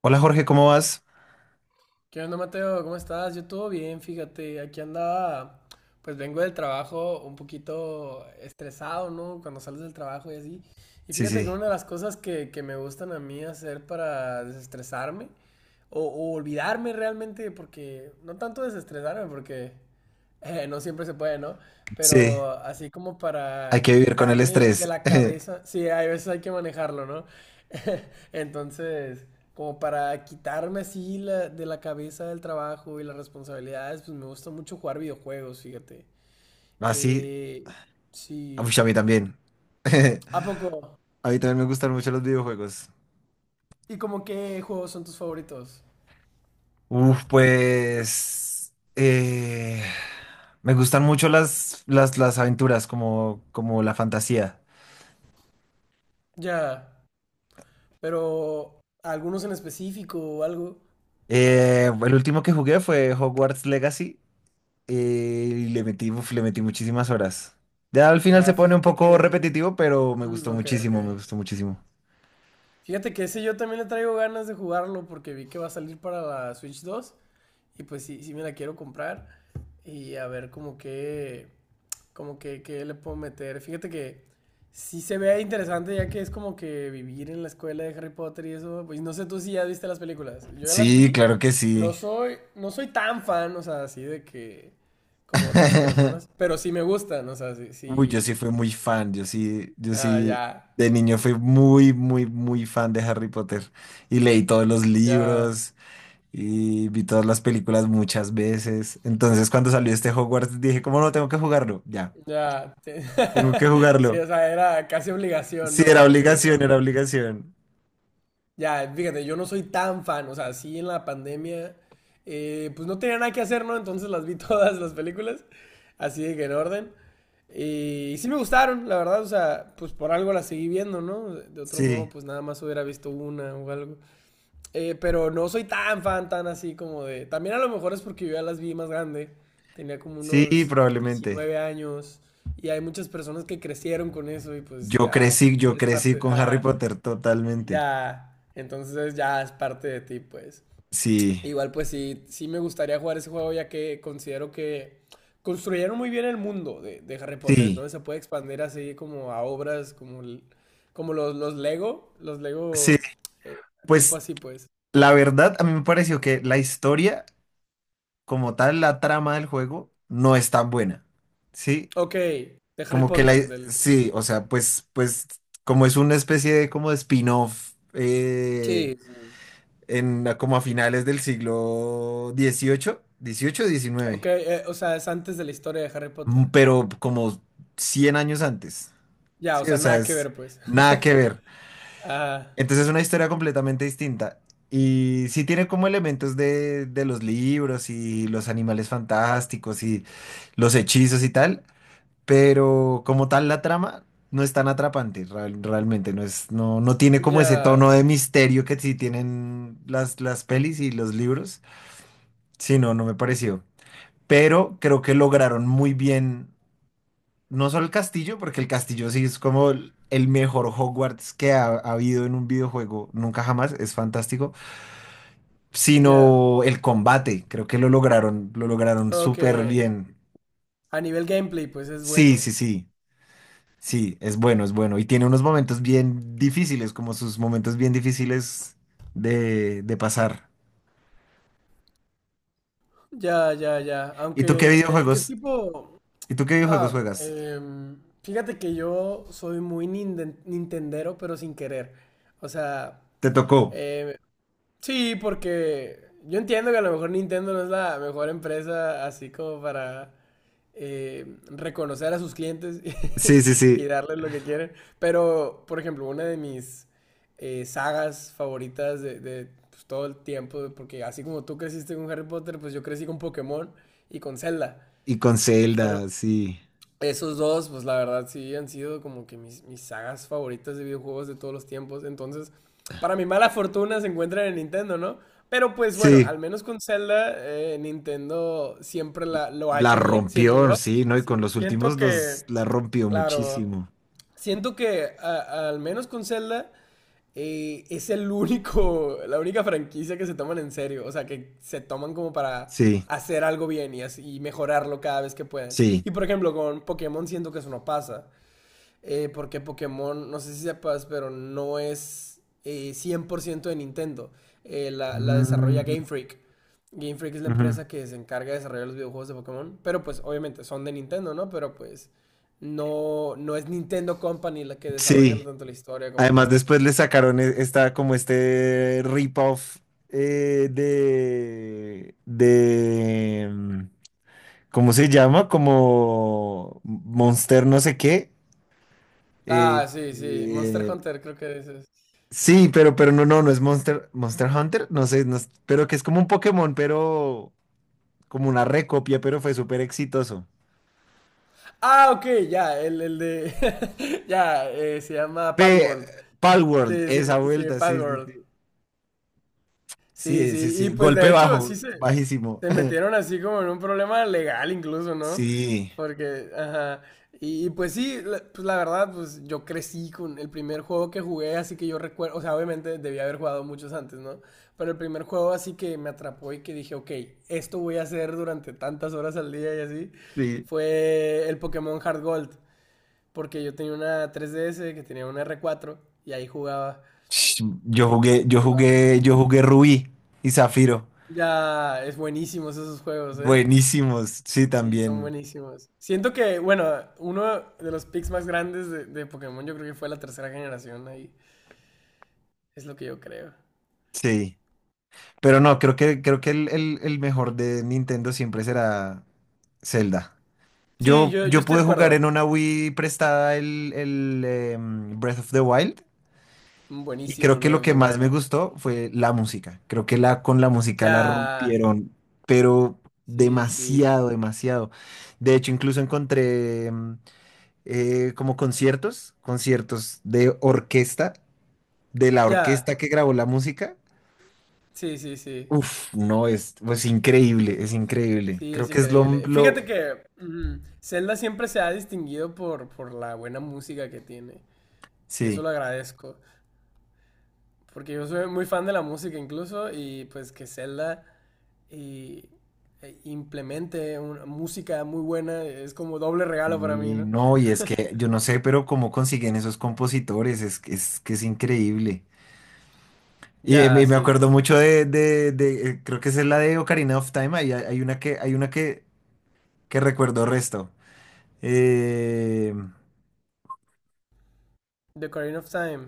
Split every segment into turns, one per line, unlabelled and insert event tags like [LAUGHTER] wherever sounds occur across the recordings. Hola Jorge, ¿cómo vas?
¿Qué onda, Mateo? ¿Cómo estás? Yo todo bien, fíjate. Aquí andaba, pues vengo del trabajo un poquito estresado, ¿no? Cuando sales del trabajo y así. Y
Sí,
fíjate que
sí,
una de las cosas que me gustan a mí hacer para desestresarme o olvidarme realmente, porque no tanto desestresarme, porque no siempre se puede, ¿no?
sí,
Pero así como
hay que
para
vivir con el
quitarme de
estrés.
la
[LAUGHS]
cabeza, sí, hay veces hay que manejarlo, ¿no? [LAUGHS] Entonces como para quitarme así de la cabeza el trabajo y las responsabilidades, pues me gusta mucho jugar videojuegos, fíjate.
Así,
Eh,
uy,
sí.
a mí también. [LAUGHS]
¿A poco?
A mí también me gustan mucho los videojuegos.
¿Y como qué juegos son tus favoritos?
Uf, pues me gustan mucho las aventuras, como, como la fantasía.
Ya, pero algunos en específico o algo.
El último que jugué fue Hogwarts Legacy eh, y le metí, uf, le metí muchísimas horas. Ya al final
Ya,
se pone un
fíjate
poco
que...
repetitivo, pero me gustó
ok, ok.
muchísimo, me gustó muchísimo.
Fíjate que ese yo también le traigo ganas de jugarlo porque vi que va a salir para la Switch 2 y pues sí, sí me la quiero comprar y a ver como que... Como que le puedo meter. Fíjate que sí se ve interesante ya que es como que vivir en la escuela de Harry Potter y eso. Pues no sé tú si ya viste las películas. Yo ya las
Sí,
vi.
claro que sí.
No soy tan fan, o sea, así de que como otras personas,
[LAUGHS]
pero sí me gustan, o sea, sí,
Uy, yo
sí,
sí fui muy fan, yo sí, yo
ah,
sí,
ya,
de niño fui muy, muy, muy fan de Harry Potter y leí todos los
ya,
libros y vi todas las películas muchas veces. Entonces, cuando salió este Hogwarts, dije, ¿cómo no tengo que jugarlo? Ya,
ya, sí,
tengo que
[LAUGHS] sí,
jugarlo.
o sea, era casi obligación,
Sí,
¿no?
era
Para ti,
obligación, era
verlas.
obligación.
Ya, fíjate, yo no soy tan fan, o sea, sí en la pandemia, pues no tenía nada que hacer, ¿no? Entonces las vi [LAUGHS] todas las películas, así de que en orden. Y sí me gustaron, la verdad, o sea, pues por algo las seguí viendo, ¿no? De otro modo,
Sí,
pues nada más hubiera visto una o algo. Pero no soy tan fan, tan así como de... También a lo mejor es porque yo ya las vi más grande, tenía como
sí,
unos
probablemente.
19 años y hay muchas personas que crecieron con eso y pues ya
Yo
es
crecí
parte...
con Harry
Ah,
Potter totalmente.
ya, entonces ya es parte de ti, pues.
Sí,
Igual, pues sí, sí me gustaría jugar ese juego ya que considero que construyeron muy bien el mundo de Harry Potter,
sí,
entonces se puede expandir así como a obras como, como los
sí.
Lego eh, tipo
Pues
así, pues.
la verdad, a mí me pareció que la historia como tal, la trama del juego, no es tan buena. ¿Sí?
Ok, de Harry
Como que la...
Potter, del...
Sí, o sea, pues, pues como es una especie de como de spin-off
Sí, sí.
en como a finales del siglo XVIII, XVIII,
Ok,
XIX,
o sea, es antes de la historia de Harry
mm,
Potter.
pero como 100 años antes.
Ya, o
Sí, o
sea,
sea,
nada que
es
ver, pues. [LAUGHS]
nada que ver.
Ah,
Entonces es una historia completamente distinta. Y sí tiene como elementos de los libros y los animales fantásticos y los hechizos y tal, pero como tal la trama no es tan atrapante, real- realmente no es, no, no tiene como ese tono
ya,
de misterio que sí tienen las pelis y los libros. Sí, no, no me pareció. Pero creo que lograron muy bien, no solo el castillo, porque el castillo sí es como el mejor Hogwarts que ha, ha habido en un videojuego, nunca jamás, es fantástico,
ya.
sino el combate, creo que lo lograron
Ok.
súper bien.
A nivel gameplay, pues es
Sí,
bueno.
sí, sí. Sí, es bueno, es bueno. Y tiene unos momentos bien difíciles, como sus momentos bien difíciles de pasar.
Ya, ya, ya.
¿Y tú qué
Aunque, ¿qué
videojuegos?
tipo?
¿Y tú qué videojuegos
Ah,
juegas?
fíjate que yo soy muy nintendero, pero sin querer. O sea,
¿Te tocó?
em, sí, porque yo entiendo que a lo mejor Nintendo no es la mejor empresa así como para reconocer a sus clientes [LAUGHS]
Sí, sí,
y
sí.
darles lo que quieren. Pero, por ejemplo, una de mis sagas favoritas pues, todo el tiempo, porque así como tú creciste con Harry Potter, pues yo crecí con Pokémon y con Zelda.
Y con
Fueron
Zelda, sí.
esos dos, pues la verdad sí han sido como que mis sagas favoritas de videojuegos de todos los tiempos. Entonces, para mi mala fortuna se encuentran en Nintendo, ¿no? Pero pues bueno,
Sí,
al menos con Zelda, Nintendo siempre lo ha
la
hecho bien, siento
rompió,
yo.
sí, ¿no? Y con
Sí,
los
siento
últimos dos
que,
la rompió
claro,
muchísimo.
siento que al menos con Zelda es el único, la única franquicia que se toman en serio, o sea, que se toman como para
Sí,
hacer algo bien y mejorarlo cada vez que pueden.
sí.
Y por ejemplo, con Pokémon siento que eso no pasa, porque Pokémon, no sé si sepas, pero no es 100% de Nintendo. La
Mm,
desarrolla Game Freak. Game Freak es la
ujú.
empresa que se encarga de desarrollar los videojuegos de Pokémon, pero pues obviamente son de Nintendo, ¿no? Pero pues no, no es Nintendo Company la que desarrollan
Sí.
tanto la historia como
Además,
todo.
después le sacaron e- esta, como este rip-off eh, de, de, mm, ¿cómo se llama? Como Monster no sé qué. eh,
Ah, sí, sí. Monster
eh,
Hunter, creo que ese es.
sí, pero no, no, no es Monster, Monster Hunter, no sé, no es- pero que es como un Pokémon, pero como una recopia, pero fue súper exitoso.
Ah, ok, ya, el de. [LAUGHS] Ya, se llama
Pe
Palworld.
Palworld,
Sí, sí,
esa
sí,
vuelta, sí, sí,
Palworld.
sí.
Sí,
Sí, sí,
sí. Y
sí,
pues de
golpe
hecho,
bajo,
sí se.
bajísimo.
Se
[LAUGHS]
metieron así como en un problema legal incluso, ¿no?
Sí,
Porque, ajá. Y pues sí, pues la verdad, pues yo crecí con el primer juego que jugué, así que yo recuerdo, o sea, obviamente debía haber jugado muchos antes, ¿no? Pero el primer juego así que me atrapó y que dije, ok, esto voy a hacer durante tantas horas al día y así,
sí.
fue el Pokémon Heart Gold, porque yo tenía una 3DS que tenía una R4 y ahí
Yo jugué, yo
jugaba.
jugué, yo jugué Rubí y Zafiro.
Ya, es buenísimos esos juegos, ¿eh?
Buenísimos, sí,
Sí, son
también,
buenísimos. Siento que, bueno, uno de los picks más grandes de Pokémon yo creo que fue la tercera generación ahí. Es lo que yo creo.
sí. Pero no, creo que el mejor de Nintendo siempre será Zelda.
Sí,
Yo,
yo
yo
estoy
pude
de
jugar
acuerdo.
en una Wii prestada el Breath of the Wild
Mm,
y
buenísimo
creo
el
que lo
Breath of
que
the
más me
Wild.
gustó fue la música. Creo que la, con la música
Ya,
la rompieron, pero
sí, sí.
demasiado, demasiado. De hecho, incluso encontré... como conciertos, conciertos de orquesta, de la
Ya,
orquesta que grabó la música.
sí, sí, sí.
Uf, no, es pues increíble, es increíble.
Sí,
Creo
es
que es
increíble. Fíjate
lo-
que Zelda siempre se ha distinguido por la buena música que tiene. Y eso
sí.
lo agradezco. Porque yo soy muy fan de la música incluso. Y pues que Zelda y e implemente una música muy buena, es como doble regalo para mí,
Y
¿no?
no, y es que yo no sé, pero cómo consiguen esos compositores, es, que- es que es increíble. Y
Ya,
me
sí.
acuerdo mucho de creo que esa es la de Ocarina of Time, ahí hay, hay una que recuerdo resto. Eh,
The Ocarina of Time.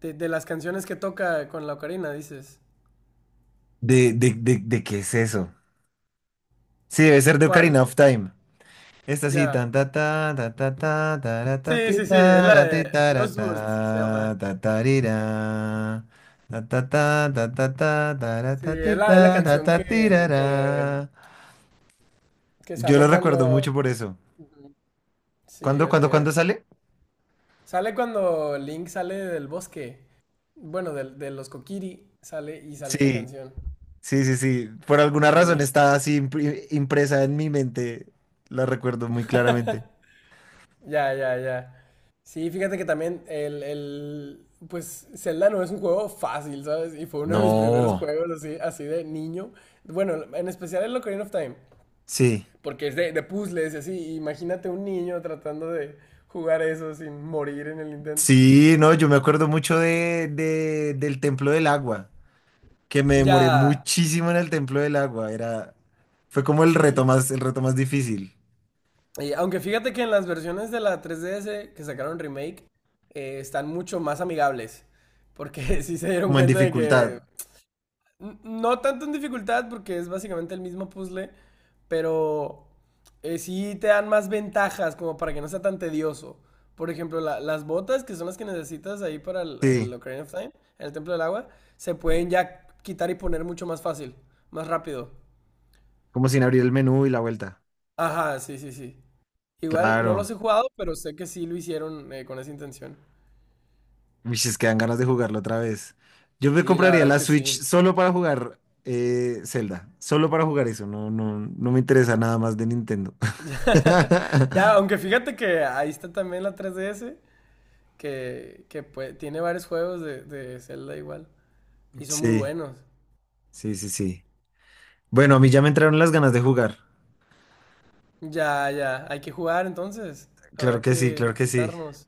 De las canciones que toca con la ocarina, dices.
¿De qué es eso? Sí, debe ser de
¿Cuál?
Ocarina of Time. Esta sí, tan
Ya.
ta ta ta ta ta ta ta
Sí,
ti, ta
sí, sí, es la
tara, ti,
de
tara,
Los Boosts, se
ta
llama.
ta tarira. Ta ta ta ta ta ta
Sí, es es la
tara,
canción
ta ti tirara.
que
Yo
sale
lo recuerdo
cuando...
mucho por eso.
Ujú. Sí,
¿Cuándo,
así
cuándo, cuándo
es.
sale?
Sale cuando Link sale del bosque. Bueno, los Kokiri sale y sale esa
Sí,
canción.
sí, sí, sí. Por alguna razón
Sí,
está así impri- impresa en mi mente. La recuerdo muy claramente.
ya, ya, ya. Sí, fíjate que también pues Zelda no es un juego fácil, ¿sabes? Y fue uno de mis primeros
No.
juegos así, así de niño. Bueno, en especial el Ocarina of Time,
Sí.
porque es de puzzles y así. Imagínate un niño tratando de jugar eso sin morir en el intento.
Sí, no, yo me acuerdo mucho de- del Templo del Agua, que me demoré
Ya,
muchísimo en el Templo del Agua. Era, fue como
sí.
el reto más difícil,
Y aunque fíjate que en las versiones de la 3DS que sacaron remake, están mucho más amigables. Porque [LAUGHS] sí se dieron
como en
cuenta de que
dificultad.
No tanto en dificultad porque es básicamente el mismo puzzle, pero sí te dan más ventajas como para que no sea tan tedioso. Por ejemplo, las botas que son las que necesitas ahí para el
Sí,
Ocarina of Time, el Templo del Agua, se pueden ya quitar y poner mucho más fácil, más rápido.
como sin abrir el menú y la vuelta.
Ajá, sí, sí, sí. Igual no los
Claro.
he jugado, pero sé que sí lo hicieron con esa intención.
Uy, es que dan ganas de jugarlo otra vez. Yo me
Sí, la
compraría
verdad es
la
que
Switch
sí.
solo para jugar Zelda. Solo para jugar eso. No, no, no me interesa nada más de Nintendo. [LAUGHS]
[LAUGHS] Ya, aunque fíjate que ahí está también la 3DS, que pues, tiene varios juegos de Zelda igual. Y son muy
Sí,
buenos.
sí, sí, sí. Bueno, a mí ya me entraron las ganas de jugar.
Ya, ya, hay que jugar entonces.
Claro
Habrá
que sí,
que
claro que sí.
juntarnos.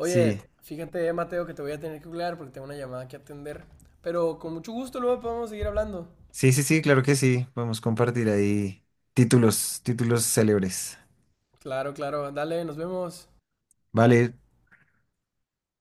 Sí.
fíjate, Mateo, que te voy a tener que hablar porque tengo una llamada que atender. Pero con mucho gusto luego podemos seguir hablando.
Sí, sí, sí, claro que sí. Podemos compartir ahí títulos, títulos célebres.
Claro, claro. Dale, nos vemos.
Vale,